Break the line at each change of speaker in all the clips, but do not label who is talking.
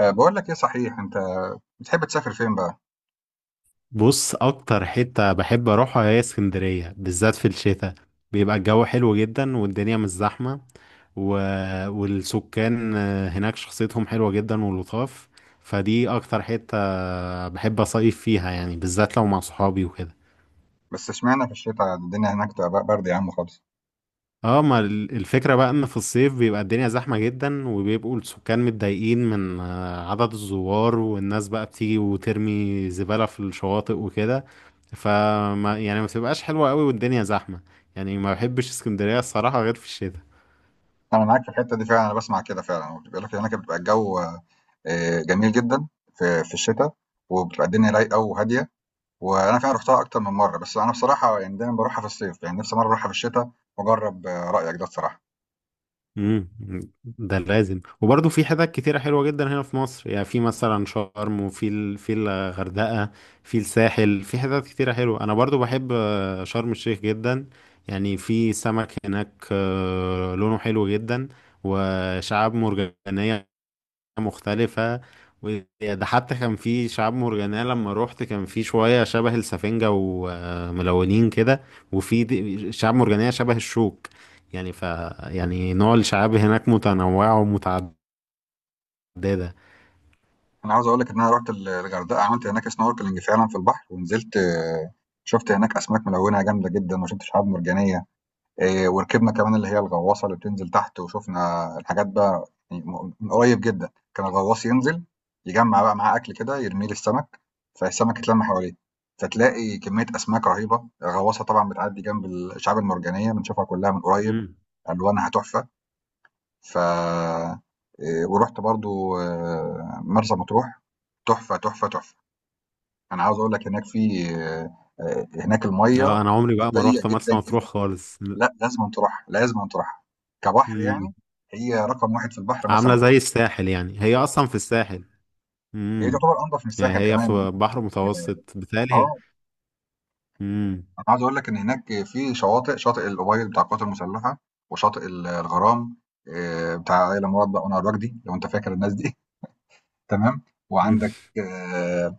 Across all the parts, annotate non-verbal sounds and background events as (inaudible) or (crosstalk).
بقول لك ايه، صحيح انت بتحب تسافر فين بقى؟
بص، اكتر حتة بحب اروحها هي اسكندرية، بالذات في الشتاء. بيبقى الجو حلو جدا والدنيا مش زحمة و... والسكان هناك شخصيتهم حلوة جدا ولطاف. فدي اكتر حتة بحب اصيف فيها، يعني بالذات لو مع صحابي وكده.
بس اشمعنى في الشتاء الدنيا هناك بتبقى برد يا عم خالص.
اه، ما الفكرة بقى ان في الصيف بيبقى الدنيا زحمة جدا، وبيبقوا السكان متضايقين من عدد الزوار، والناس بقى بتيجي وترمي زبالة في الشواطئ وكده. فما يعني ما بتبقاش حلوة قوي، والدنيا زحمة. يعني ما بحبش اسكندرية الصراحة غير في الشتاء.
انا معاك في الحته دي فعلا. انا بسمع كده فعلا بيقول لك هناك بتبقى الجو جميل جدا في الشتاء. وبتبقى الدنيا رايقه وهاديه. وانا فعلا رحتها اكتر من مره، بس انا بصراحه يعني دايما بروحها في الصيف، يعني نفسي مره اروحها في الشتاء واجرب. رايك ده بصراحه.
امم ده لازم. وبرضه في حتت كتيرة حلوة جدا هنا في مصر، يعني في مثلا شرم، وفي في الغردقة، في الساحل، في حتت كتيرة حلوة. أنا برضه بحب شرم الشيخ جدا. يعني في سمك هناك لونه حلو جدا، وشعاب مرجانية مختلفة. وده حتى كان في شعاب مرجانية لما روحت، كان في شوية شبه السفنجة وملونين كده، وفي شعاب مرجانية شبه الشوك. يعني ف يعني نوع الشعاب هناك متنوعة ومتعددة.
انا عاوز اقول لك ان انا رحت الغردقه، عملت هناك سنوركلينج فعلا في البحر ونزلت. شفت هناك اسماك ملونه جامده جدا، وشفت شعاب مرجانيه. إيه، وركبنا كمان اللي هي الغواصه اللي بتنزل تحت، وشفنا الحاجات بقى يعني من قريب جدا. كان الغواص ينزل يجمع بقى معاه اكل كده يرميه للسمك، فالسمك يتلم حواليه، فتلاقي كميه اسماك رهيبه. الغواصه طبعا بتعدي جنب الشعاب المرجانيه بنشوفها كلها من قريب،
مم.
الوانها تحفه. ف إيه، ورحت برضو مرسى مطروح، تحفه تحفه تحفه. انا عاوز اقول لك هناك في آه، آه، هناك الميه
اه، انا عمري بقى ما
نقيه
روحت مرسى
جدا.
مطروح خالص.
لأ، لازمًا تروحها، لازمًا تروحها. كبحر
مم.
يعني، هي رقم 1 في البحر مرسى
عاملة
مطروح،
زي الساحل يعني، هي اصلا في الساحل.
هي
مم.
تعتبر أنضف من
يعني
الساحل
هي
كمان.
في بحر متوسط
آه،
بالتالي. امم
أنا عايز أقول لك إن هناك في شواطئ، شاطئ الأوبيل بتاع القوات المسلحة، وشاطئ الغرام، بتاع آية مراد بقى وأنور وجدي، لو أنت فاكر الناس دي. (laughs) تمام، وعندك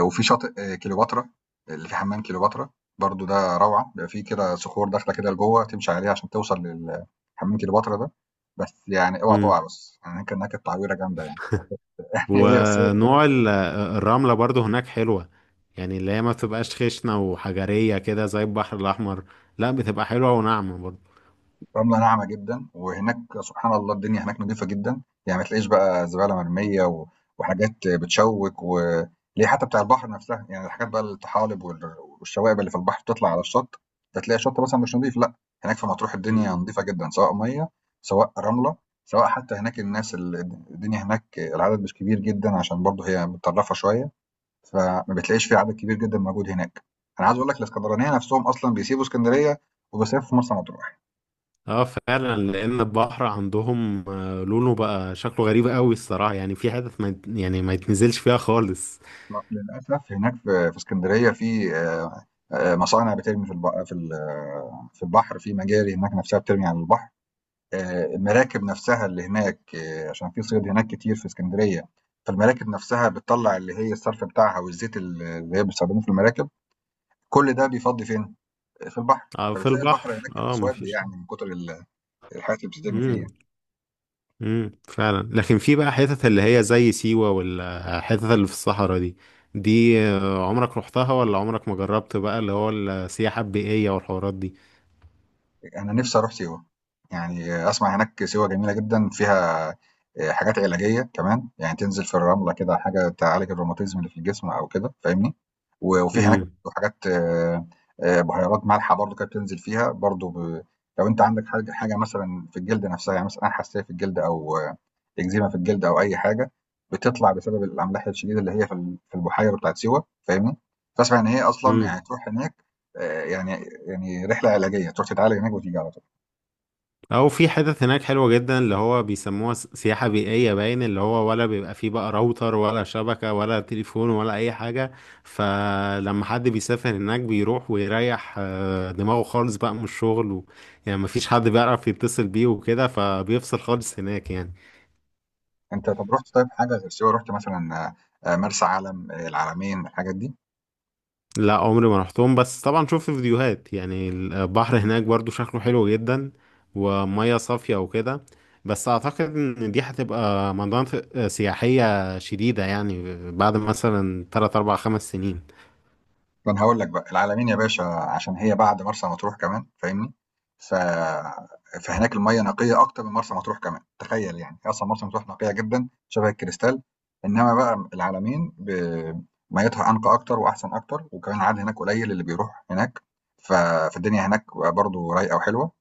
وفي شاطئ كليوباترا، اللي في حمام كليوباترا، برضه ده روعة. بيبقى في كده صخور داخلة كده لجوّه تمشي عليها عشان توصل حمام كليوباترا ده. بس يعني أوعى تقع
(laughs)
بس، يعني هناك التعويرة جامدة يعني. هي
ونوع الرملة برضو هناك حلوة، يعني اللي هي ما بتبقاش خشنة وحجرية كده زي البحر الأحمر، لا، بتبقى حلوة وناعمة برضو.
رملة ناعمة جدًا. وهناك سبحان الله الدنيا هناك نضيفة جدًا، يعني ما تلاقيش بقى زبالة مرمية و وحاجات بتشوِّك، و اللي هي حتى بتاع البحر نفسها. يعني الحاجات بقى الطحالب والشوائب اللي في البحر بتطلع على الشط. فتلاقي الشط مثلًا مش نضيف، لأ. هناك في مطروح الدنيا
مم.
نضيفة جدًا، سواء مَيّة، سواء رملة، سواء حتى هناك الناس الدنيا هناك العدد مش كبير جدًا، عشان برضه هي متطرفة شوية. فما بتلاقيش في عدد كبير جدًا موجود هناك. أنا عايز أقول لك الإسكندرانية نفسهم أصلًا بيسيبوا إسكندرية وبيصيفوا في مرسى مطروح.
اه فعلا، لأن البحر عندهم لونه بقى شكله غريب قوي الصراحة، يعني في حتت ما يعني ما يتنزلش فيها خالص.
للأسف هناك في اسكندرية في مصانع بترمي في البحر، في مجاري هناك نفسها بترمي على البحر. المراكب نفسها اللي هناك، عشان في صيد هناك كتير في اسكندرية. فالمراكب نفسها بتطلع اللي هي الصرف بتاعها والزيت اللي هي بيستخدموه في المراكب. كل ده بيفضي فين؟ في البحر.
اه، في
فبتلاقي
البحر،
البحر هناك
اه، ما
أسود،
فيش.
يعني من كتر الحاجات اللي بتترمي فيه يعني.
فعلا. لكن في بقى حتت اللي هي زي سيوة والحتت اللي في الصحراء دي، دي عمرك رحتها؟ ولا عمرك ما جربت بقى اللي هو السياحة البيئية والحوارات دي؟
أنا نفسي أروح سيوة، يعني أسمع هناك سيوة جميلة جدًا فيها حاجات علاجية كمان، يعني تنزل في الرملة كده، حاجة تعالج الروماتيزم اللي في الجسم أو كده فاهمني. و وفي هناك
امم
حاجات بُهيرات مالحة برضه كده بتنزل فيها برضه لو أنت عندك حاجة مثلًا في الجلد نفسها، يعني مثلًا أي حساسية في الجلد، أو إكزيما في الجلد، أو أي حاجة بتطلع بسبب الأملاح الشديدة اللي هي في البحيرة بتاعت سيوة فاهمني؟ فأسمع إن هي أصلا يعني
امم
تروح هناك، آه، يعني يعني رحلة علاجية تروح تتعالج هناك وتيجي على طول.
او في حتت هناك حلوة جدا اللي هو بيسموها سياحة بيئية، باين اللي هو ولا بيبقى فيه بقى راوتر ولا شبكة ولا تليفون ولا اي حاجة. فلما حد بيسافر هناك بيروح ويريح دماغه خالص بقى من الشغل. يعني مفيش حد بيعرف يتصل بيه وكده، فبيفصل خالص هناك يعني.
أنت طب رحت طيب حاجة غير سيوة؟ رحت مثلا مرسى علم، العلمين، الحاجات دي؟
لا، عمري ما رحتهم، بس طبعا شفت فيديوهات، يعني البحر هناك برضو شكله حلو جدا، ومياه صافية وكده. بس اعتقد ان دي هتبقى مناطق سياحية شديدة يعني، بعد مثلا 3 4 5 سنين.
ما أنا هاقول لك بقى، العلمين يا باشا عشان هي بعد مرسى مطروح كمان فاهمني؟ ف فهناك المَيّة نقية أكتر من مرسى مطروح كمان، تخيّل يعني. هي أصلًا مرسى مطروح نقية جدًا شبه الكريستال، إنّما بقى العلمين مَيّتها أنقى أكتر وأحسن أكتر. وكمان العدد هناك قليل اللي بيروح هناك. ف فالدنيا هناك برضه رايقة وحلوة.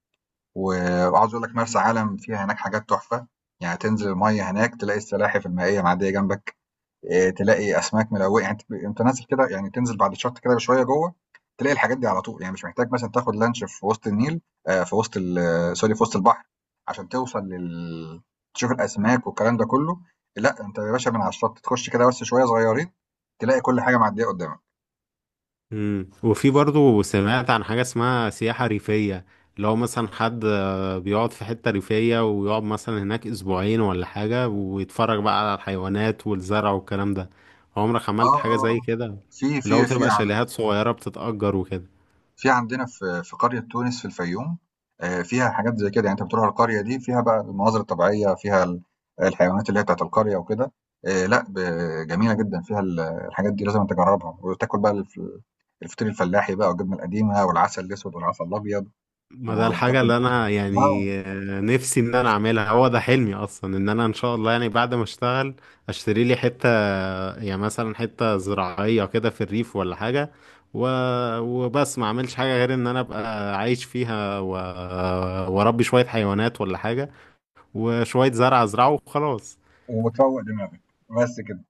و وعاوز أقول لك مرسى علم فيها هناك حاجات تحفة. يعني تنزل المَيّة هناك تلاقي السلاحف المائية معدّية جنبك. تلاقي اسماك ملويه. يعني أنت نازل كده، يعني تنزل بعد الشط كده بشويه جوه، تلاقي الحاجات دي على طول، يعني مش محتاج مثلا تاخد لانش في وسط النيل، في وسط سوري، في وسط البحر، عشان توصل تشوف الاسماك والكلام ده كله. لا انت يا باشا من على الشط تخش كده بس شويه صغيرين، تلاقي كل حاجه معديه قدامك.
مم. وفي برضو سمعت عن حاجة اسمها سياحة ريفية، لو مثلا حد بيقعد في حتة ريفية، ويقعد مثلا هناك أسبوعين ولا حاجة، ويتفرج بقى على الحيوانات والزرع والكلام ده. عمرك
اه
عملت حاجة
اه
زي
آه.
كده؟
في
اللي هو
في في
بتبقى شاليهات صغيرة بتتأجر وكده.
في عندنا في قرية تونس في الفيوم. فيها حاجات زي كده، يعني أنت بتروح القرية دي فيها بقى المناظر الطبيعية، فيها الحيوانات اللي هي بتاعة القرية وكده. لأ، جميلة جدًا، فيها الحاجات دي لازمًا تجربها. وتاكل بقى الفطير الفلاحي بقى، والجبنة القديمة، والعسل الأسود، والعسل الأبيض، و
ما ده الحاجة
وتاكل،
اللي أنا
آه،
يعني نفسي إن أنا أعملها. هو ده حلمي أصلا، إن أنا إن شاء الله يعني بعد ما أشتغل أشتري لي حتة، يعني مثلا حتة زراعية كده في الريف ولا حاجة و... وبس ما أعملش حاجة غير إن أنا أبقى عايش فيها، وأربي شوية حيوانات ولا حاجة، وشوية زرع ازرعه وخلاص.
وتروّق دماغك، بس كده.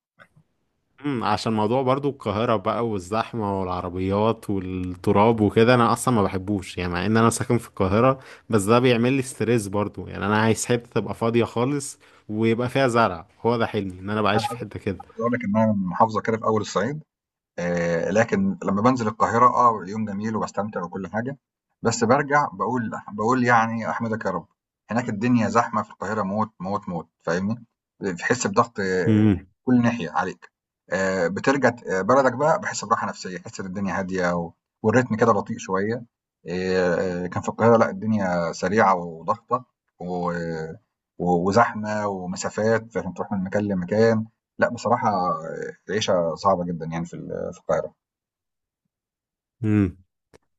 عشان موضوع برضو القاهرة بقى والزحمة والعربيات والتراب وكده، انا اصلا ما بحبوش يعني، مع ان انا ساكن في القاهرة، بس ده بيعمل لي ستريس برضو. يعني انا عايز حتة تبقى فاضية خالص ويبقى فيها زرع، هو ده حلمي، ان انا بعيش في حتة كده.
عايز أقول لك إنها محافظة كده في أول الصعيد. لكن لما بانزل القاهرة يوم جميل وبستمتع وكل حاجة، بس برجع بقول يعني احمدك يا رب. هناك الدنيا زحمة في القاهرة موت موت موت فاهمني. بتحس بضغط، كل ناحية عليك. بترجع بلدك بقى، بحس براحة نفسية، حس ان الدنيا هادية والريتم كده بطيء شوية. كان في القاهرة لا، الدنيا سريعة وضغطة و- وزحمة ومسافات، فعشان تروح من مكان لمكان. لا بصراحة العيشة صعبة جدا يعني في القاهرة.
امم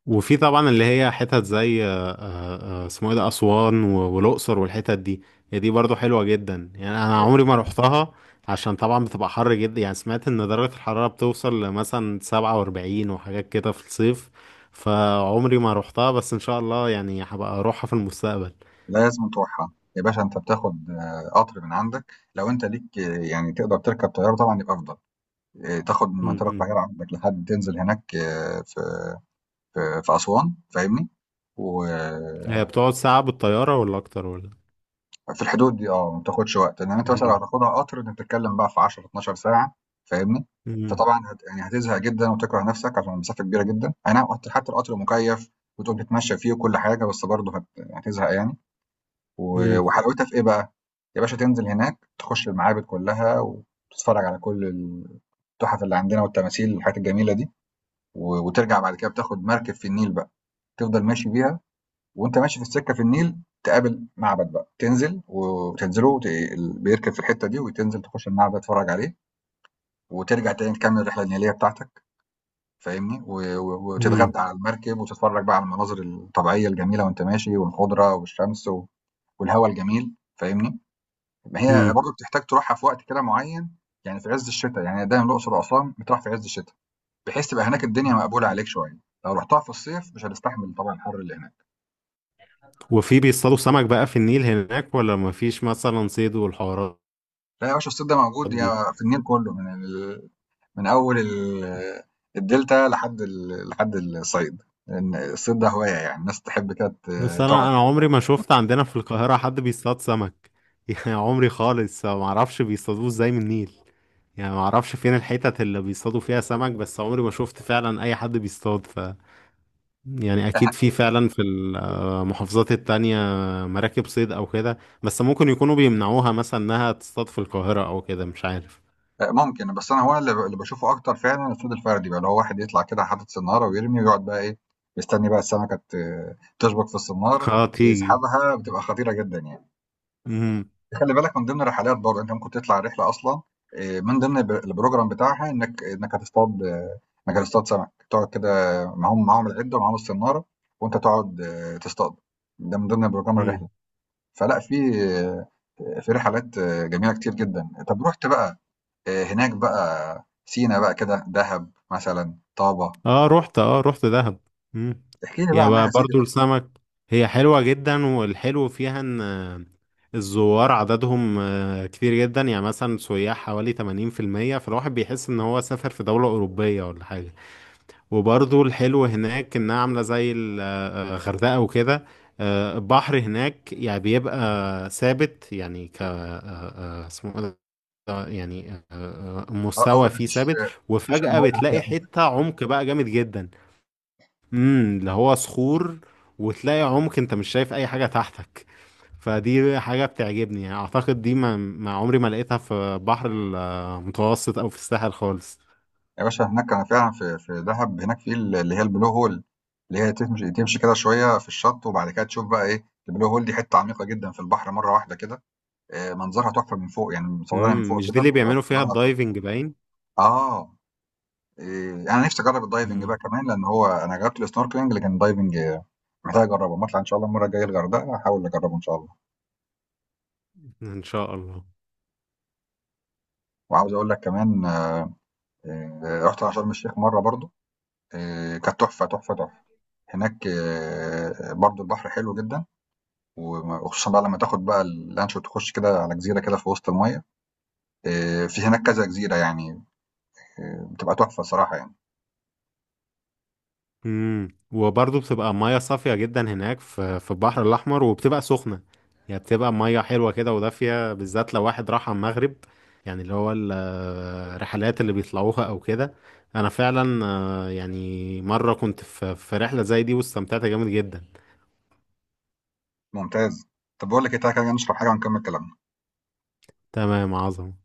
وفي طبعا اللي هي حتت زي اسمه ايه ده، اسوان والاقصر والحتت دي. هي دي برضو حلوه جدا، يعني انا عمري ما روحتها، عشان طبعا بتبقى حر جدا. يعني سمعت ان درجه الحراره بتوصل لمثلا 47 وحاجات كده في الصيف، فعمري ما روحتها، بس ان شاء الله يعني هبقى اروحها في المستقبل.
لازم تروحها يا باشا. انت بتاخد قطر من عندك، لو انت ليك يعني تقدر تركب طيارة طبعا يبقى افضل. تاخد من
م-
منطقة
م.
القاهرة عندك لحد تنزل هناك، في اسوان فاهمني.
هي
وفي
بتقعد ساعه بالطياره ولا اكتر ولا؟
الحدود دي ما بتاخدش وقت، انما انت مثلا لو
م-
هتاخدها قطر انت بتتكلم بقى في 10 12 ساعة فاهمني.
م-
فطبعا يعني هتزهق جدا وتكره نفسك عشان المسافة كبيرة جدا. اي نعم حتى القطر مكيف وتقوم تتمشى فيه وكل حاجة، بس برضه هتزهق يعني.
م-
وحلاوتها في إيه بقى؟ يا باشا تنزل هناك تخش المعابد كلّها، وتتفرّج على كل التُحَف اللي عندنا، والتماثيل والحاجات الجميلة دي. وترجع بعد كده بتاخد مركب في النيل بقى، تفضل ماشي بيها، وأنت ماشي في السكة في النيل تقابل معبد بقى، تنزل وتنزله وت ال بيركب في الحتّة دي، وتنزل تخش المعبد تتفرّج عليه، وترجع تاني تكمّل الرحلة النيلية بتاعتك فاهمني؟ و و
م-
وتتغدى على المركب، وتتفرّج بقى على المناظر الطبيعية الجميلة وأنت ماشي، والخُضرة والشمس والهوا الجميل فاهمني؟ ما هي
م-
برضه بتحتاج تروحها في وقت كده معين، يعني في عز الشتاء. يعني دايما الأقصر وأسوان بتروح في عز الشتاء، بحيث تبقى هناك الدنيا مقبولة عليك شوية. لو رحتها في الصيف مش هتستحمل طبعا الحر اللي هناك.
وفي بيصطادوا سمك بقى في النيل هناك ولا مفيش مثلا صيد والحوارات
لا يا باشا، الصيف ده موجود
دي؟
يا في النيل كله، من أول ال... الدلتا لحد الصيد، لأن الصيد ده هواية، يعني الناس تحب كده
بس
تقعد.
انا عمري ما شفت عندنا في القاهرة حد بيصطاد سمك (laughs) يعني عمري خالص ما اعرفش بيصطادوه ازاي من النيل، يعني ما اعرفش فين الحتت اللي بيصطادوا فيها سمك، بس عمري ما شفت فعلا اي حد بيصطاد. ف يعني اكيد في فعلا في المحافظات التانية مراكب صيد او كده، بس ممكن يكونوا بيمنعوها مثلا انها تصطاد في القاهرة او كده، مش عارف.
ممكن. بس انا هو اللي اللي بشوفه اكتر فعلا الصيد الفردي بقى، اللي هو واحد يطلع كده حاطط سناره ويرمي ويقعد بقى ايه، مستني بقى السمكه تشبك في
(laughs)
السنار،
اه، تيجي.
ويسحبها، بتبقى خطيره جدا يعني. خلي بالك من ضمن الرحلات برضه انت ممكن تطلع رحله اصلا، من ضمن البروجرام بتاعها انك هتصطاد سمك تقعد كده، معاهم العده ومعاهم السناره، وانت تقعد تصطاد. ده من ضمن بروجرام الرحله.
امم
فلا آه، في رحلات جميله كتير جدا. طب رحت بقى هناك بقى سينا بقى كده، دهب مثلًا، طابة،
اه رحت دهب. مم.
احكِ لي بقى
يا
عنها
بقى
يا سيدي
برضو
بقى.
السمك، هي حلوة جدا، والحلو فيها ان الزوار عددهم كتير جدا، يعني مثلا سياح حوالي 80%، فالواحد بيحس ان هو سافر في دولة أوروبية ولا حاجة. وبرضو الحلو هناك انها عاملة زي الغردقة وكده. البحر هناك يعني بيبقى ثابت، يعني ك آه، آه، اسمه إيه ده؟ يعني مستوى
قصدك ما
فيه
فيش
ثابت،
ما فيش
وفجأة
أمواج عالية
بتلاقي
أوي.
حتة عمق بقى جامد جدا. اللي هو صخور، وتلاقي عمق انت مش شايف اي حاجة تحتك. فدي حاجة بتعجبني، يعني اعتقد دي ما عمري ما لقيتها في بحر المتوسط او في الساحل خالص.
يا باشا هناك أنا فعلًا في دهب، هناك في ال اللي هي الblue hole، اللي هي تمشي تمشي كده شوية في الشط، وبعد كده تشوف بقى إيه. الblue hole دي حتة عميقة جدًا في البحر مرة واحدة كده. منظرها تحفة من فوق، يعني مصورينها من فوق
مش دي
كده
اللي
بتبقى
بيعملوا فيها
منظرها تحفة.
الدايفنج باين؟
آه، آآ أنا نفسي أجرّب الdiving بقى
امم
كمان، لأن هو أنا جرّبت الsnorkeling، لكن الdiving محتاج أجرّبه. أمّا أطلع إن شاء الله المرّة الجاية الغردقة هاحاول أجرّبه إن شاء الله.
ان شاء الله.
وعاوز أقول لك كمان، رُحت على شرم الشيخ مرّة برضه، كانت تحفة، تحفة، تحفة. هناك برضه البحر حلو جدًا، وخصوصًا بقى لمّا تاخد بقى اللانش وتخُش كده على جزيرة كده في وسط المَيّة. في هناك كذا جزيرة يعني، بتبقى تحفة الصراحة يعني.
وبرضه بتبقى ميه صافيه جدا هناك في البحر الاحمر، وبتبقى سخنه، يعني بتبقى ميه حلوه كده ودافيه، بالذات لو واحد راح على المغرب، يعني اللي هو الرحلات اللي بيطلعوها او كده. انا فعلا يعني مره كنت في رحله زي دي واستمتعت جامد جدا.
ممتاز. طَب باقول لك إيه، تعالَ كده نشرب حاجة ونكمّل كلامنا.
تمام، عظمه.